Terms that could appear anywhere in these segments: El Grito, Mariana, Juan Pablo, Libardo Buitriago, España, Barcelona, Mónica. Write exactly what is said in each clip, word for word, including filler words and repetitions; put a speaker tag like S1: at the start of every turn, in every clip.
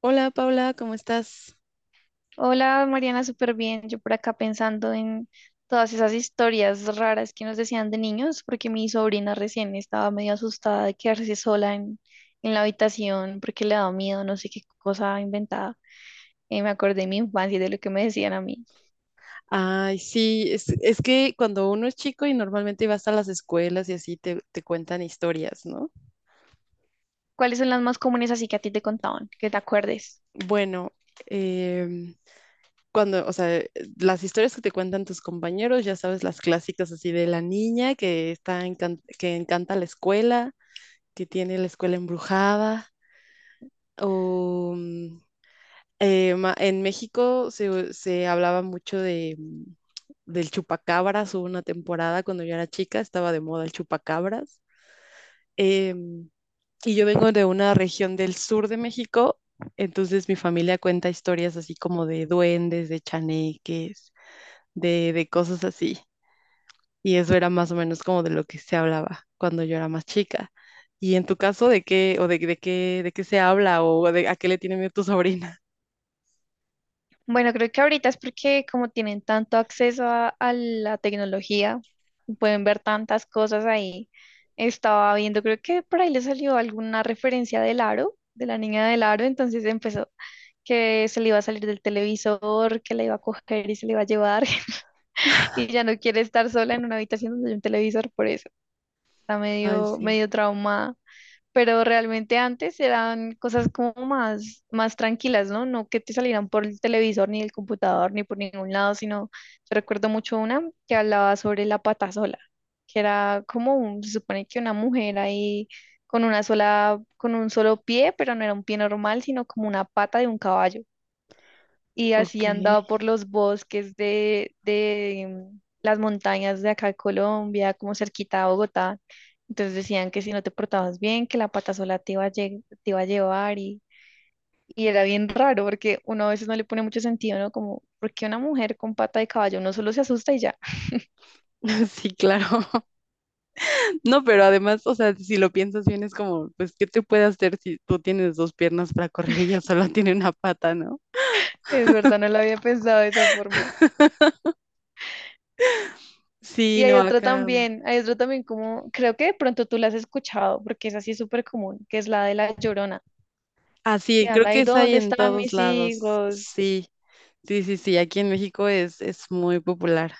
S1: Hola Paula, ¿cómo estás?
S2: Hola Mariana, súper bien. Yo por acá pensando en todas esas historias raras que nos decían de niños, porque mi sobrina recién estaba medio asustada de quedarse sola en, en la habitación porque le daba miedo, no sé qué cosa inventada. Eh, me acordé de mi infancia y de lo que me decían a mí.
S1: Ay, sí, es, es que cuando uno es chico y normalmente vas a las escuelas y así te, te cuentan historias, ¿no?
S2: ¿Cuáles son las más comunes así que a ti te contaban, que te acuerdes?
S1: Bueno, em, cuando, o sea, eh, las historias que te cuentan tus compañeros, ya sabes, las clásicas así de la niña que está encan- que encanta la escuela, que tiene la escuela embrujada, o, mm, eh, ma- en México se, se hablaba mucho de, mm, del chupacabras. Hubo una temporada cuando yo era chica, estaba de moda el chupacabras. Em, y yo vengo de una región del sur de México, entonces mi familia cuenta historias así como de duendes, de chaneques, de, de cosas así. Y eso era más o menos como de lo que se hablaba cuando yo era más chica. Y en tu caso, ¿de qué o de, de qué de qué se habla o de a qué le tiene miedo tu sobrina?
S2: Bueno, creo que ahorita es porque como tienen tanto acceso a, a la tecnología, pueden ver tantas cosas ahí. Estaba viendo, creo que por ahí le salió alguna referencia del aro, de la niña del aro, entonces empezó que se le iba a salir del televisor, que la iba a coger y se le iba a llevar, y ya no quiere estar sola en una habitación donde hay un televisor, por eso está
S1: Ay,
S2: medio,
S1: sí.
S2: medio traumada. Pero realmente antes eran cosas como más, más tranquilas, ¿no? No que te salieran por el televisor, ni el computador, ni por ningún lado, sino yo recuerdo mucho una que hablaba sobre la pata sola, que era como un- se supone que una mujer ahí con una sola, con un solo pie, pero no era un pie normal, sino como una pata de un caballo y
S1: Ok.
S2: así andaba por los bosques de, de mm, las montañas de acá de Colombia, como cerquita a Bogotá. Entonces decían que si no te portabas bien, que la pata sola te iba a, lle- te iba a llevar y, y era bien raro porque uno a veces no le pone mucho sentido, ¿no? Como, ¿por qué una mujer con pata de caballo? Uno solo se asusta y ya.
S1: Sí, claro. No, pero además, o sea, si lo piensas bien, es como, pues, ¿qué te puede hacer si tú tienes dos piernas para correr y ella solo tiene una pata, ¿no?
S2: Es verdad, no lo había pensado de esa forma.
S1: Sí,
S2: Y hay
S1: no,
S2: otra
S1: acá.
S2: también, hay otra también como, creo que de pronto tú la has escuchado, porque es así súper común, que es la de la Llorona,
S1: Ah,
S2: que
S1: sí, creo
S2: anda
S1: que
S2: ahí,
S1: es ahí
S2: ¿dónde
S1: en
S2: están
S1: todos
S2: mis
S1: lados.
S2: hijos?
S1: Sí, sí, sí, sí, aquí en México es, es muy popular.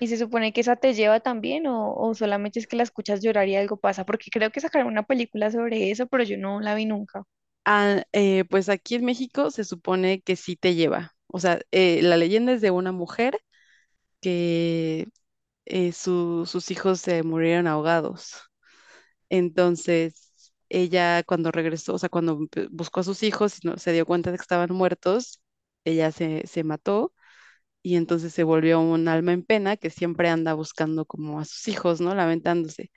S2: ¿Y se supone que esa te lleva también o, o solamente es que la escuchas llorar y algo pasa? Porque creo que sacaron una película sobre eso, pero yo no la vi nunca.
S1: Ah, eh, pues aquí en México se supone que sí te lleva. O sea, eh, la leyenda es de una mujer que eh, su- sus hijos se murieron ahogados. Entonces, ella cuando regresó, o sea, cuando empe- buscó a sus hijos y no- se dio cuenta de que estaban muertos, ella se, se mató y entonces se volvió un alma en pena que siempre anda buscando como a sus hijos, ¿no? Lamentándose.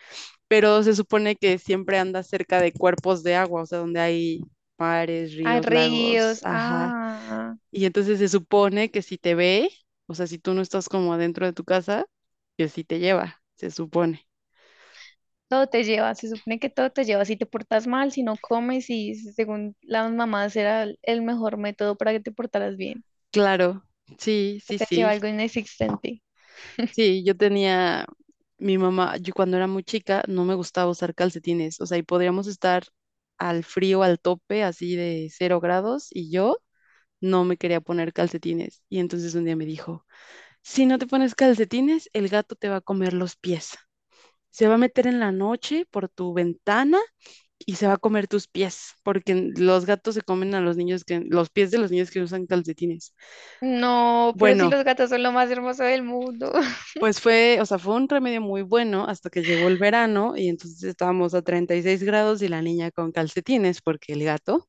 S1: Pero se supone que siempre anda cerca de cuerpos de agua, o sea, donde hay mares,
S2: Ah,
S1: ríos, lagos,
S2: ríos,
S1: ajá.
S2: ah,
S1: Y entonces se supone que si te ve, o sea, si tú no estás como adentro de tu casa, que sí te lleva, se supone.
S2: todo te lleva, se supone que todo te lleva. Si te portas mal, si no comes y según las mamás era el el mejor método para que te portaras bien.
S1: Claro, sí,
S2: Que
S1: sí,
S2: te lleva
S1: sí.
S2: algo inexistente.
S1: Sí, yo tenía mi mamá, yo cuando era muy chica no me gustaba usar calcetines, o sea, y podríamos estar al frío, al tope, así de cero grados, y yo no me quería poner calcetines. Y entonces un día me dijo, si no te pones calcetines, el gato te va a comer los pies. Se va a meter en la noche por tu ventana y se va a comer tus pies, porque los gatos se comen a los niños que, los pies de los niños que usan calcetines.
S2: No, pero si
S1: Bueno,
S2: los gatos son lo más hermoso del mundo.
S1: pues fue, o sea, fue un remedio muy bueno hasta que llegó el verano y entonces estábamos a treinta y seis grados y la niña con calcetines porque el gato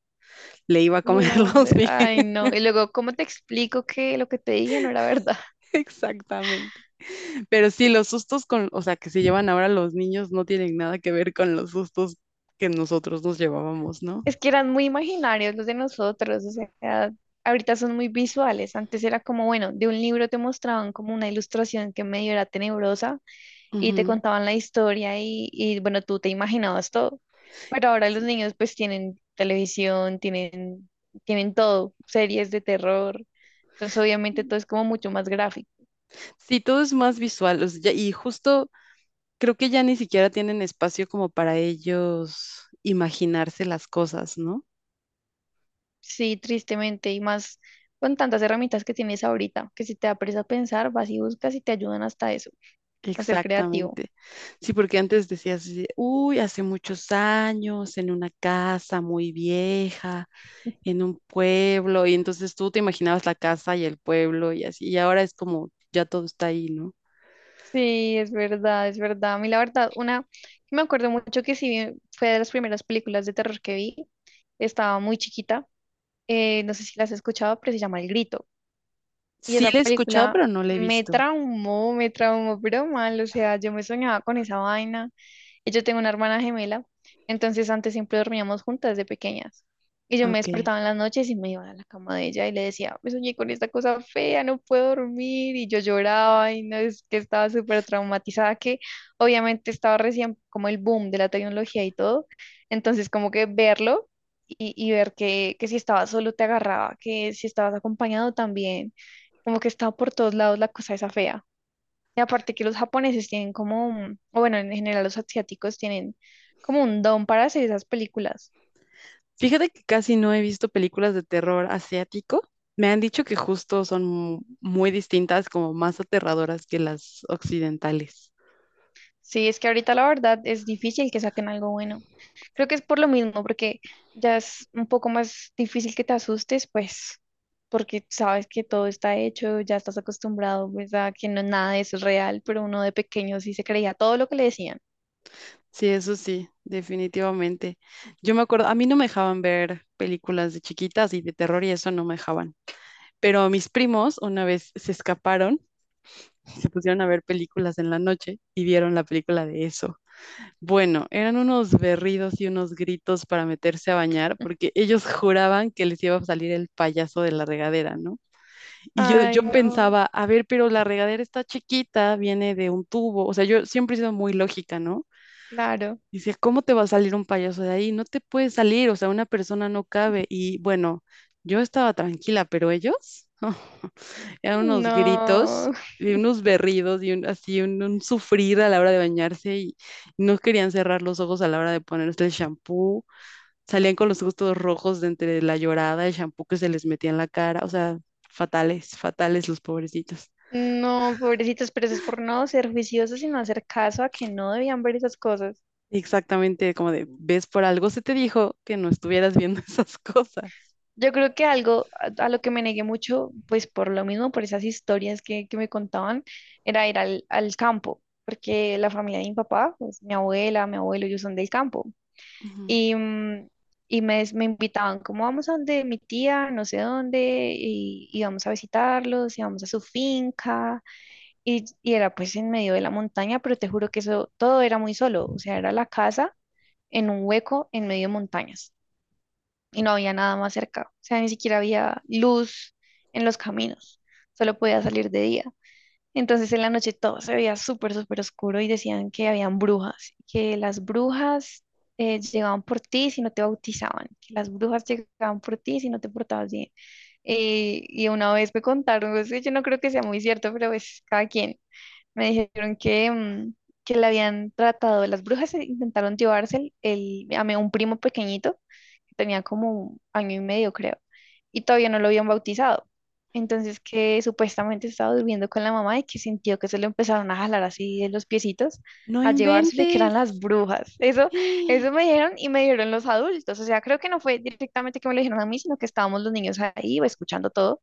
S1: le iba a comer
S2: León,
S1: los
S2: de-
S1: pies.
S2: ay no. Y luego, ¿cómo te explico que lo que te dije no era verdad?
S1: Exactamente. Pero sí, los sustos con, o sea, que se llevan ahora los niños no tienen nada que ver con los sustos que nosotros nos llevábamos, ¿no?
S2: Es que eran muy imaginarios los de nosotros, o sea, ahorita son muy visuales. Antes era como, bueno, de un libro te mostraban como una ilustración que medio era tenebrosa y te
S1: Ujú.
S2: contaban la historia y, y bueno, tú te imaginabas todo. Pero ahora los niños pues tienen televisión, tienen, tienen todo, series de terror. Entonces obviamente todo es como mucho más gráfico.
S1: Sí, todo es más visual, o sea, ya- y justo creo que ya ni siquiera tienen espacio como para ellos imaginarse las cosas, ¿no?
S2: Sí, tristemente, y más con tantas herramientas que tienes ahorita, que si te da a pensar, vas y buscas y te ayudan hasta eso, a ser creativo.
S1: Exactamente. Sí, porque antes decías, así de, uy, hace muchos años, en una casa muy vieja, en un pueblo, y entonces tú te imaginabas la casa y el pueblo y así, y ahora es como ya todo está ahí, ¿no?
S2: Sí, es verdad, es verdad. A mí la verdad, una que me acuerdo mucho que sí vi- fue de las primeras películas de terror que vi. Estaba muy chiquita. Eh, no sé si las has escuchado, pero se llama El Grito. Y
S1: Sí
S2: esa
S1: la he escuchado,
S2: película
S1: pero no la he
S2: me
S1: visto.
S2: traumó, me traumó, pero mal, o sea, yo me soñaba con esa vaina. Y yo tengo una hermana gemela, entonces antes siempre dormíamos juntas de pequeñas. Y yo me
S1: Ok.
S2: despertaba en las noches y me iba a la cama de ella y le decía, me soñé con esta cosa fea, no puedo dormir. Y yo lloraba y no es que estaba súper traumatizada, que obviamente estaba recién como el boom de la tecnología y todo. Entonces como que verlo y, y ver que, que si estabas solo te agarraba, que si estabas acompañado también como que está por todos lados la cosa esa fea. Y aparte que los japoneses tienen como, un- o bueno, en general los asiáticos tienen como un don para hacer esas películas.
S1: Fíjate que casi no he visto películas de terror asiático. Me han dicho que justo son mu- muy distintas, como más aterradoras que las occidentales.
S2: Sí, es que ahorita la verdad es difícil que saquen algo bueno. Creo que es por lo mismo, porque ya es un poco más difícil que te asustes, pues, porque sabes que todo está hecho, ya estás acostumbrado, pues, a que no nada de eso es real, pero uno de pequeño sí se creía todo lo que le decían.
S1: Sí, eso sí, definitivamente. Yo me acuerdo, a mí no me dejaban ver películas de chiquitas y de terror y eso no me dejaban. Pero mis primos una vez se escaparon, se pusieron a ver películas en la noche y vieron la película de eso. Bueno, eran unos berridos y unos gritos para meterse a bañar porque ellos juraban que les iba a salir el payaso de la regadera, ¿no? Y yo,
S2: Ay,
S1: yo
S2: no,
S1: pensaba, a ver, pero la regadera está chiquita, viene de un tubo. O sea, yo siempre he sido muy lógica, ¿no?
S2: claro,
S1: Dice, ¿cómo te va a salir un payaso de ahí? No te puede salir, o sea, una persona no cabe. Y bueno, yo estaba tranquila, pero ellos, eran unos gritos
S2: no.
S1: y unos berridos y un, así un, un sufrir a la hora de bañarse y no querían cerrar los ojos a la hora de ponerse el shampoo. Salían con los ojos todos rojos de entre la llorada, el shampoo que se les metía en la cara, o sea, fatales, fatales los pobrecitos.
S2: No, pobrecitos, pero eso es por no ser juiciosos y no hacer caso a que no debían ver esas cosas.
S1: Exactamente como de, ves por algo, se te dijo que no estuvieras viendo esas cosas.
S2: Yo creo que algo a, a lo que me negué mucho, pues por lo mismo, por esas historias que, que me contaban, era ir al, al campo, porque la familia de mi papá, pues mi abuela, mi abuelo, ellos son del campo.
S1: Ujú.
S2: Y, mm, y me, des- me invitaban, como vamos a donde mi tía, no sé dónde, y, y vamos a visitarlos, y vamos a su finca. Y, y era pues en medio de la montaña, pero te juro que eso todo era muy solo, o sea, era la casa en un hueco en medio de montañas y no había nada más cerca, o sea, ni siquiera había luz en los caminos, solo podía salir de día. Entonces en la noche todo se veía súper, súper oscuro y decían que habían brujas, que las brujas eh, llegaban por ti si no te bautizaban, que las brujas llegaban por ti si no te portabas bien. Eh, y una vez me contaron, o sea, yo no creo que sea muy cierto, pero es cada quien me dijeron que, mm, que la habían tratado, las brujas e intentaron llevarse el, el- a mi- un primo pequeñito, que tenía como un año y medio, creo, y todavía no lo habían bautizado. Entonces que supuestamente estaba durmiendo con la mamá y que sintió que se lo empezaron a jalar así de los piecitos,
S1: No
S2: a llevárselo y que eran
S1: inventes.
S2: las brujas. Eso, eso me dijeron y me dijeron los adultos. O sea, creo que no fue directamente que me lo dijeron a mí, sino que estábamos los niños ahí escuchando todo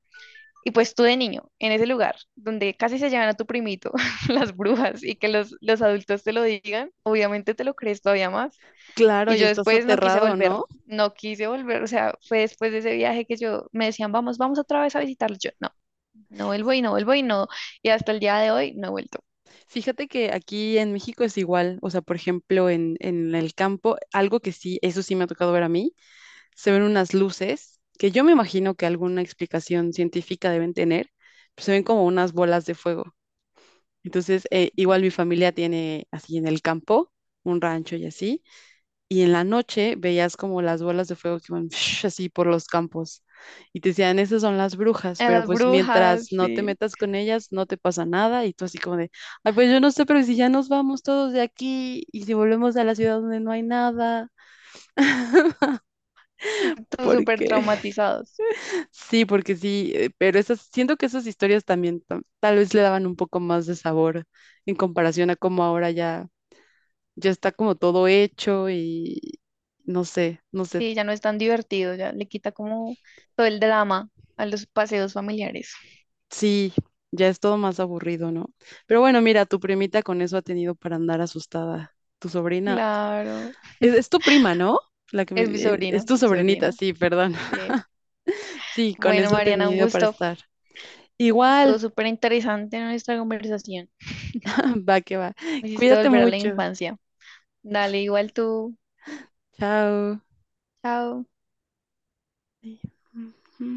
S2: y pues tú de niño, en ese lugar donde casi se llevan a tu primito las brujas y que los, los adultos te lo digan, obviamente te lo crees todavía más.
S1: Claro,
S2: Y
S1: y
S2: yo
S1: estás
S2: después no quise
S1: aterrado,
S2: volver,
S1: ¿no?
S2: no quise volver, o sea, fue después de ese viaje que yo me decían, vamos, vamos otra vez a visitarlo. Yo no, no vuelvo y no vuelvo y no. Y hasta el día de hoy no he vuelto.
S1: Fíjate que aquí en México es igual, o sea, por ejemplo, en, en el campo, algo que sí, eso sí me ha tocado ver a mí, se ven unas luces que yo me imagino que alguna explicación científica deben tener, pues se ven como unas bolas de fuego. Entonces, eh, igual mi familia tiene así en el campo, un rancho y así. Y en la noche veías como las bolas de fuego que iban así por los campos y te decían, esas son las brujas,
S2: A
S1: pero
S2: las
S1: pues mientras
S2: brujas,
S1: no te
S2: sí,
S1: metas con ellas, no te pasa nada y tú así como de, ay, pues yo no sé, pero si ya nos vamos todos de aquí y si volvemos a la ciudad donde no hay nada.
S2: todos súper
S1: Porque
S2: traumatizados.
S1: sí, porque sí, eh, pero esas, siento que esas historias también ta- tal vez le daban un poco más de sabor en comparación a cómo ahora ya, ya está como todo hecho y no sé, no sé.
S2: Sí, ya no es tan divertido, ya le quita como todo el drama a los paseos familiares.
S1: Sí, ya es todo más aburrido, ¿no? Pero bueno, mira, tu primita con eso ha tenido para andar asustada. Tu sobrina,
S2: Claro,
S1: es, es tu prima, ¿no? La que me,
S2: es mi
S1: e- es
S2: sobrina,
S1: tu
S2: mi
S1: sobrinita,
S2: sobrina.
S1: sí, perdón.
S2: Sí.
S1: Sí, con
S2: Bueno,
S1: eso ha
S2: Mariana, un
S1: tenido para
S2: gusto.
S1: estar.
S2: Estuvo
S1: Igual,
S2: súper interesante nuestra conversación.
S1: va que va.
S2: Me hiciste
S1: Cuídate
S2: volver a la
S1: mucho.
S2: infancia. Dale, igual tú.
S1: Chao.
S2: Chao.
S1: Sí.